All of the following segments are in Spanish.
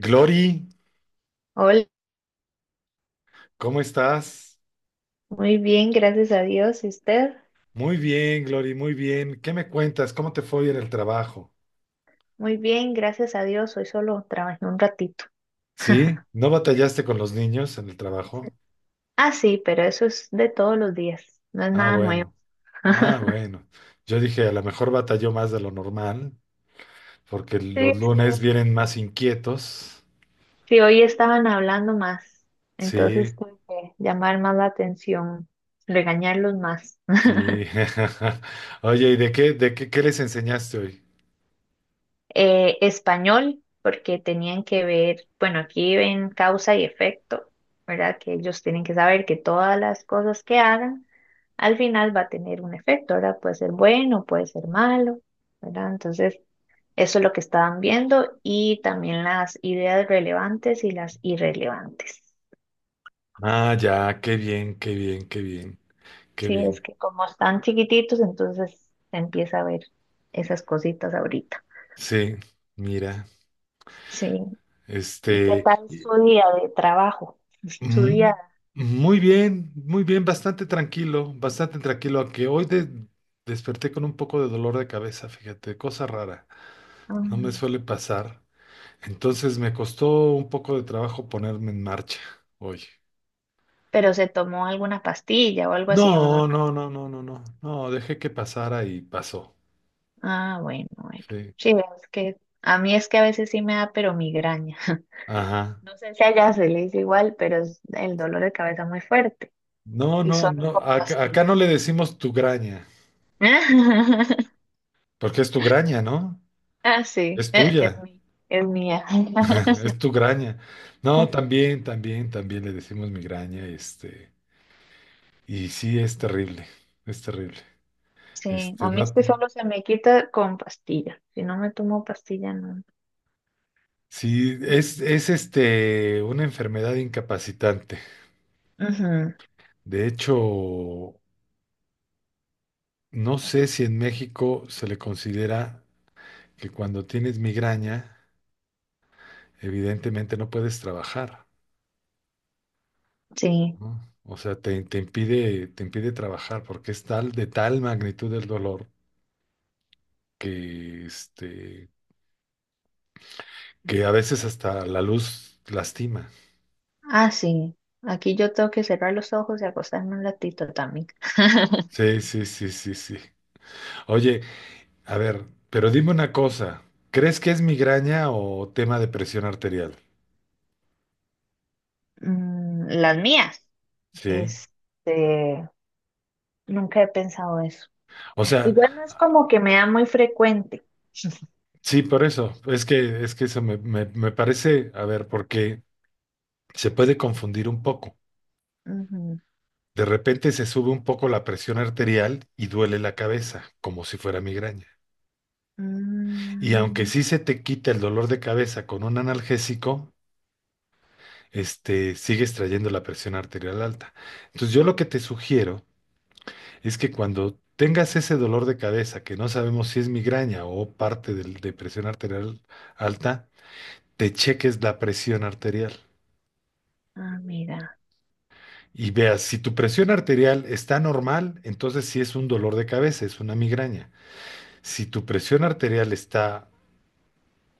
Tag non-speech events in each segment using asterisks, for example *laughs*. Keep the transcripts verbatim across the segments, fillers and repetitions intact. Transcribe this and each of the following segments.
Glory, Hola, ¿cómo estás? muy bien, gracias a Dios. ¿Y usted? Muy bien, Glory, muy bien. ¿Qué me cuentas? ¿Cómo te fue hoy en el trabajo? Muy bien, gracias a Dios. Hoy solo trabajé un ratito. ¿Sí? *laughs* ¿No batallaste con los niños en el trabajo? Ah, sí, pero eso es de todos los días, no es Ah, nada nuevo. bueno. Ah, *laughs* bueno. Yo dije, a lo mejor batalló más de lo normal, porque Sí, los lunes sí. vienen más inquietos. Sí, hoy estaban hablando más, Sí, entonces tuve que llamar más la atención, regañarlos más. sí. *laughs* Oye, ¿y de qué, de qué, qué les enseñaste hoy? Eh, español, porque tenían que ver, bueno, aquí ven causa y efecto, ¿verdad? Que ellos tienen que saber que todas las cosas que hagan al final va a tener un efecto, ¿verdad? Puede ser bueno, puede ser malo, ¿verdad? Entonces, eso es lo que estaban viendo y también las ideas relevantes y las irrelevantes. Ah, ya, qué bien, qué bien, qué bien, qué Sí, es bien. que como están chiquititos, entonces se empieza a ver esas cositas ahorita. Sí, mira, Sí. ¿Y qué este, tal su día de trabajo? *laughs* Su Mm, día. muy bien, muy bien, bastante tranquilo, bastante tranquilo, aunque hoy de- desperté con un poco de dolor de cabeza, fíjate, cosa rara, no me Mm, suele pasar. Entonces me costó un poco de trabajo ponerme en marcha hoy. Pero se tomó alguna pastilla o algo así, uno. No, no, no, no, no, no, no, dejé que pasara y pasó. Ah, bueno, bueno. Sí, Sí, es que a mí es que a veces sí me da, pero migraña. *laughs* ajá. No sé si allá se le dice igual, pero es el dolor de cabeza muy fuerte No, y no, solo no, con acá, pastilla. acá no le decimos tu graña, *laughs* porque es tu graña, ¿no? Ah, sí, Es eh, tuya. es, mi- es mía. *laughs* Es tu graña. No, sí. También, también, también le decimos migraña, este, y sí es terrible, es terrible. Sí, a Este, mí es no, que solo se me quita con pastilla. Si no me tomo pastilla, no. sí, es, es este, una enfermedad incapacitante. Ujú, De hecho, no sé si en México se le considera que cuando tienes migraña, evidentemente no puedes trabajar, sí. ¿no? O sea, te, te impide, te impide trabajar porque es tal, de tal magnitud el dolor que este que a veces hasta la luz lastima. Ah, sí. Aquí yo tengo que cerrar los ojos y acostarme un ratito también. *laughs* Sí, sí, sí, sí, sí. Oye, a ver, pero dime una cosa, ¿crees que es migraña o tema de presión arterial? Mm, las mías. Sí. Este, Nunca he pensado eso. O sea, Igual no es como que me da muy frecuente. *laughs* sí, por eso, es que, es que eso me, me, me parece, a ver, porque se puede confundir un poco. Ujú. De repente se sube un poco la presión arterial y duele la cabeza, como si fuera migraña. Y aunque Mm, sí se te quita el dolor de cabeza con un analgésico, este, sigues trayendo la presión arterial alta. Entonces, yo lo que te sugiero es que cuando tengas ese dolor de cabeza, que no sabemos si es migraña o parte del- de presión arterial alta, te cheques la presión arterial. ah, mira. Y veas, si tu presión arterial está normal, entonces sí es un dolor de cabeza, es una migraña. Si tu presión arterial está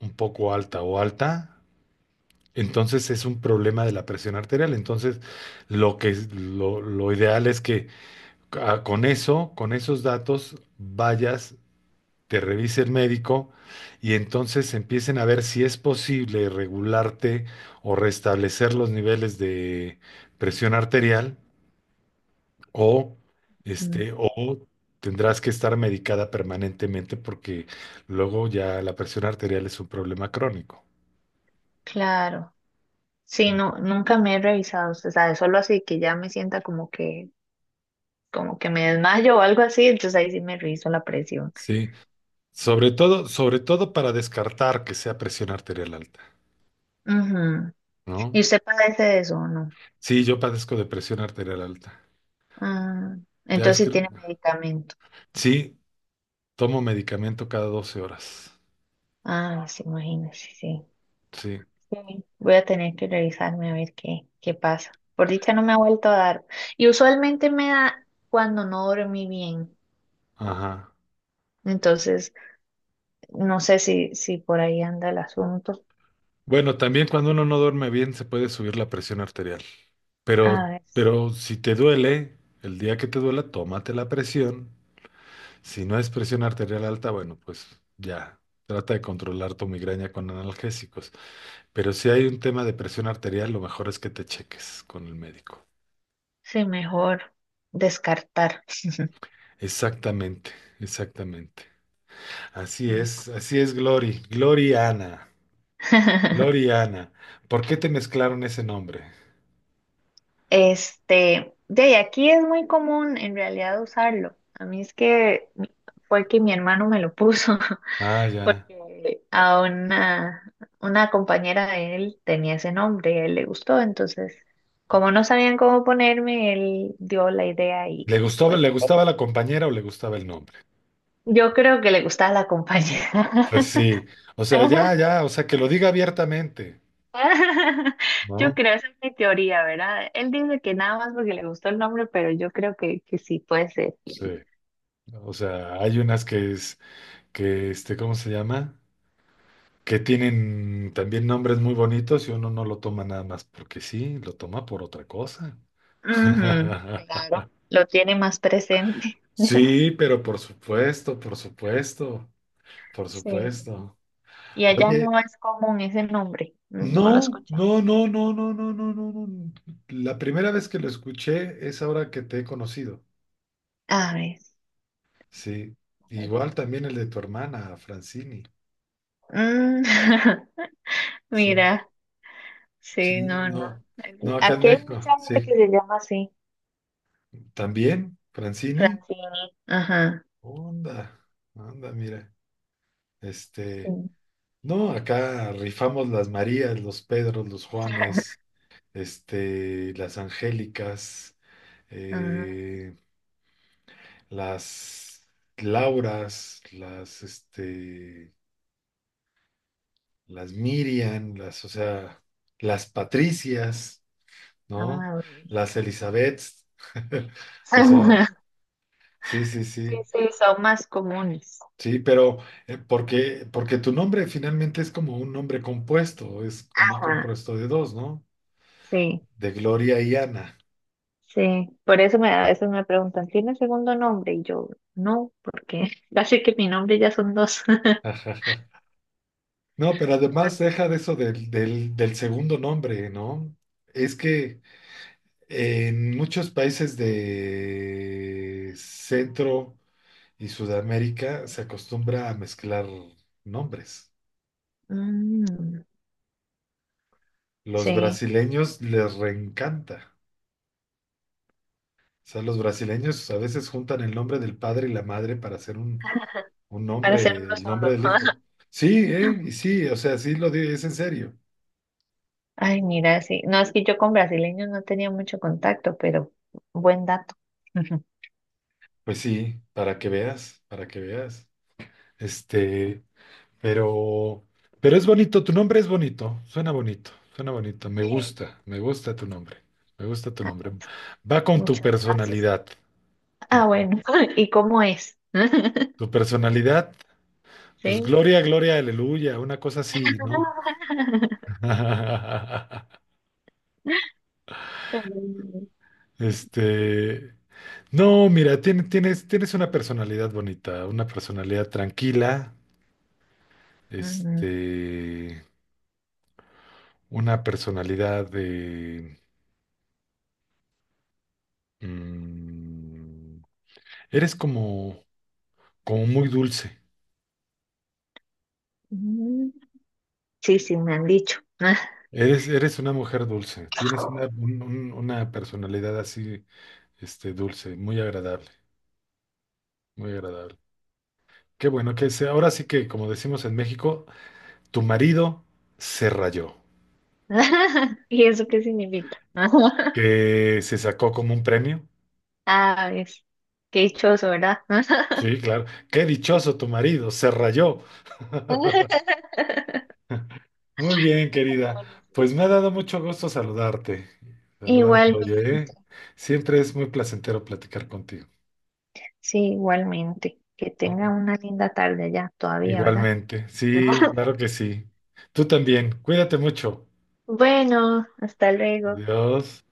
un poco alta o alta, entonces es un problema de la presión arterial. Entonces, lo que es- lo lo ideal es que Ah, con eso, con esos datos, vayas, te revise el médico y entonces empiecen a ver si es posible regularte o restablecer los niveles de presión arterial o este Mm, o tendrás que estar medicada permanentemente porque luego ya la presión arterial es un problema crónico. claro. Sí, no, nunca me he revisado, usted sabe, solo así que ya me sienta como que, como que me desmayo o algo así, entonces ahí sí me reviso la presión. Sí, sobre todo, sobre todo para descartar que sea presión arterial alta, Ujú. ¿no? ¿Y usted padece de eso o no? Sí, yo padezco de presión arterial alta. Ah, Ya es entonces que sí tiene medicamento. sí, tomo medicamento cada doce horas. Ah, sí, imagínese, sí. Sí, Sí, voy a tener que revisarme a ver qué, qué pasa. Por dicha no me ha vuelto a dar. Y usualmente me da cuando no dormí bien. ajá. Entonces, no sé si, si por ahí anda el asunto. Bueno, también cuando uno no duerme bien se puede subir la presión arterial. A Pero, ver, pero si te duele, el día que te duela, tómate la presión. Si no es presión arterial alta, bueno, pues ya. Trata de controlar tu migraña con analgésicos. Pero si hay un tema de presión arterial, lo mejor es que te cheques con el médico. sí, mejor descartar. Exactamente, exactamente. Así es, así es, Glory. Glory Ana. *laughs* Gloriana. ¿Por qué te mezclaron ese nombre? Este, de ahí, aquí es muy común en realidad usarlo. A mí es que fue que mi hermano me lo puso. Ah, *laughs* ya. Porque a una, una compañera de él tenía ese nombre y a él le gustó, entonces como no sabían cómo ponerme, él dio la idea y ¿Le gustaba, pues le así. gustaba la compañera o le gustaba el nombre? Yo creo que le gustaba la compañera. Pues sí. O sea, ya, *laughs* ya. O sea, que lo diga abiertamente, Yo ¿no? creo, esa es mi teoría, ¿verdad? Él dice que nada más porque le gustó el nombre, pero yo creo que, que sí puede ser. Sí. O sea, hay unas que es, que este, ¿cómo se llama? Que tienen también nombres muy bonitos y uno no lo toma nada más porque sí, lo toma por otra cosa. Ujú, *laughs* claro, lo tiene más presente. Sí, pero por supuesto, por supuesto, por Sí. supuesto. Y allá Oye. no es común ese nombre, no, no lo he No, escuchado. no, no, no, no, no, no, no, no. La primera vez que lo escuché es ahora que te he conocido. A ver. Sí. Igual también el de tu hermana, Francini. Mm. *laughs* Sí. Mira, sí, Sí, no, no. no. Aquí No, acá en aquí hay México. mucha gente Sí. que se llama así, También, Francini. Francini. Ajá, Onda, onda, mira. Este. sí. No, acá rifamos las Marías, los Pedros, los Juanes, este, las Angélicas, Ah, eh, las Lauras, las, este, las Miriam, las, o sea, las Patricias, ¿no? ah, ok. Las Elizabeths, *laughs* o sea, *laughs* sí, sí, Sí, sí, sí, son más comunes. sí, pero eh, porque, porque tu nombre finalmente es como un nombre compuesto, es como un Ajá, compuesto de dos, ¿no? sí, De Gloria y Ana. sí. Por eso me, a veces me preguntan, ¿tiene segundo nombre? Y yo, no, porque *laughs* casi que mi nombre ya son dos. *laughs* Pero *laughs* No, pero además sí. deja de eso del, del, del segundo nombre, ¿no? Es que En muchos países de Centro y Sudamérica se acostumbra a mezclar nombres. Mm, Los sí, brasileños les reencanta. O sea, los brasileños a veces juntan el nombre del padre y la madre para hacer un, un para ser nombre, uno el solo. nombre del hijo. *laughs* Sí, ¿eh? Y sí, o sea, sí lo digo, es en serio. Ay, mira, sí. No, es que yo con brasileños no tenía mucho contacto, pero buen dato. Ujú. Pues sí, para que veas, para que veas. Este, Pero, pero es bonito, tu nombre es bonito, suena bonito, suena bonito, me Sí. gusta, me gusta tu nombre, me gusta tu A nombre. ver, Va con tu muchas gracias. personalidad. Ah, En bueno. *laughs* ¿Y cómo es? *laughs* tu personalidad, pues Sí. gloria, gloria, aleluya, una cosa así, ¿no? *laughs* *laughs* Ujú. Este, no, mira, tien- tienes, tienes una personalidad bonita, una personalidad tranquila, este, una personalidad de... mm, eres como... como muy dulce. Ujú. Sí, sí, me han dicho. Eres, eres una mujer dulce. Tienes una, *laughs* un- un- una personalidad así, este, dulce, muy agradable, muy agradable. Qué bueno que se. Ahora sí que, como decimos en México, tu marido se rayó, *laughs* ¿Y eso qué significa? *laughs* que se sacó como un premio. Ah, es qué dichoso, ¿verdad? Sí, claro. Qué dichoso tu marido, se rayó. *laughs* *laughs* Muy bien, querida. Pues me ha dado mucho gusto saludarte. Saludarte, oye, Igualmente. ¿eh? Siempre es muy placentero platicar contigo. Sí, igualmente. Que tenga una linda tarde ya todavía, ¿verdad? Igualmente. Sí, *laughs* claro que sí. Tú también. Cuídate mucho. Bueno, hasta luego. Adiós.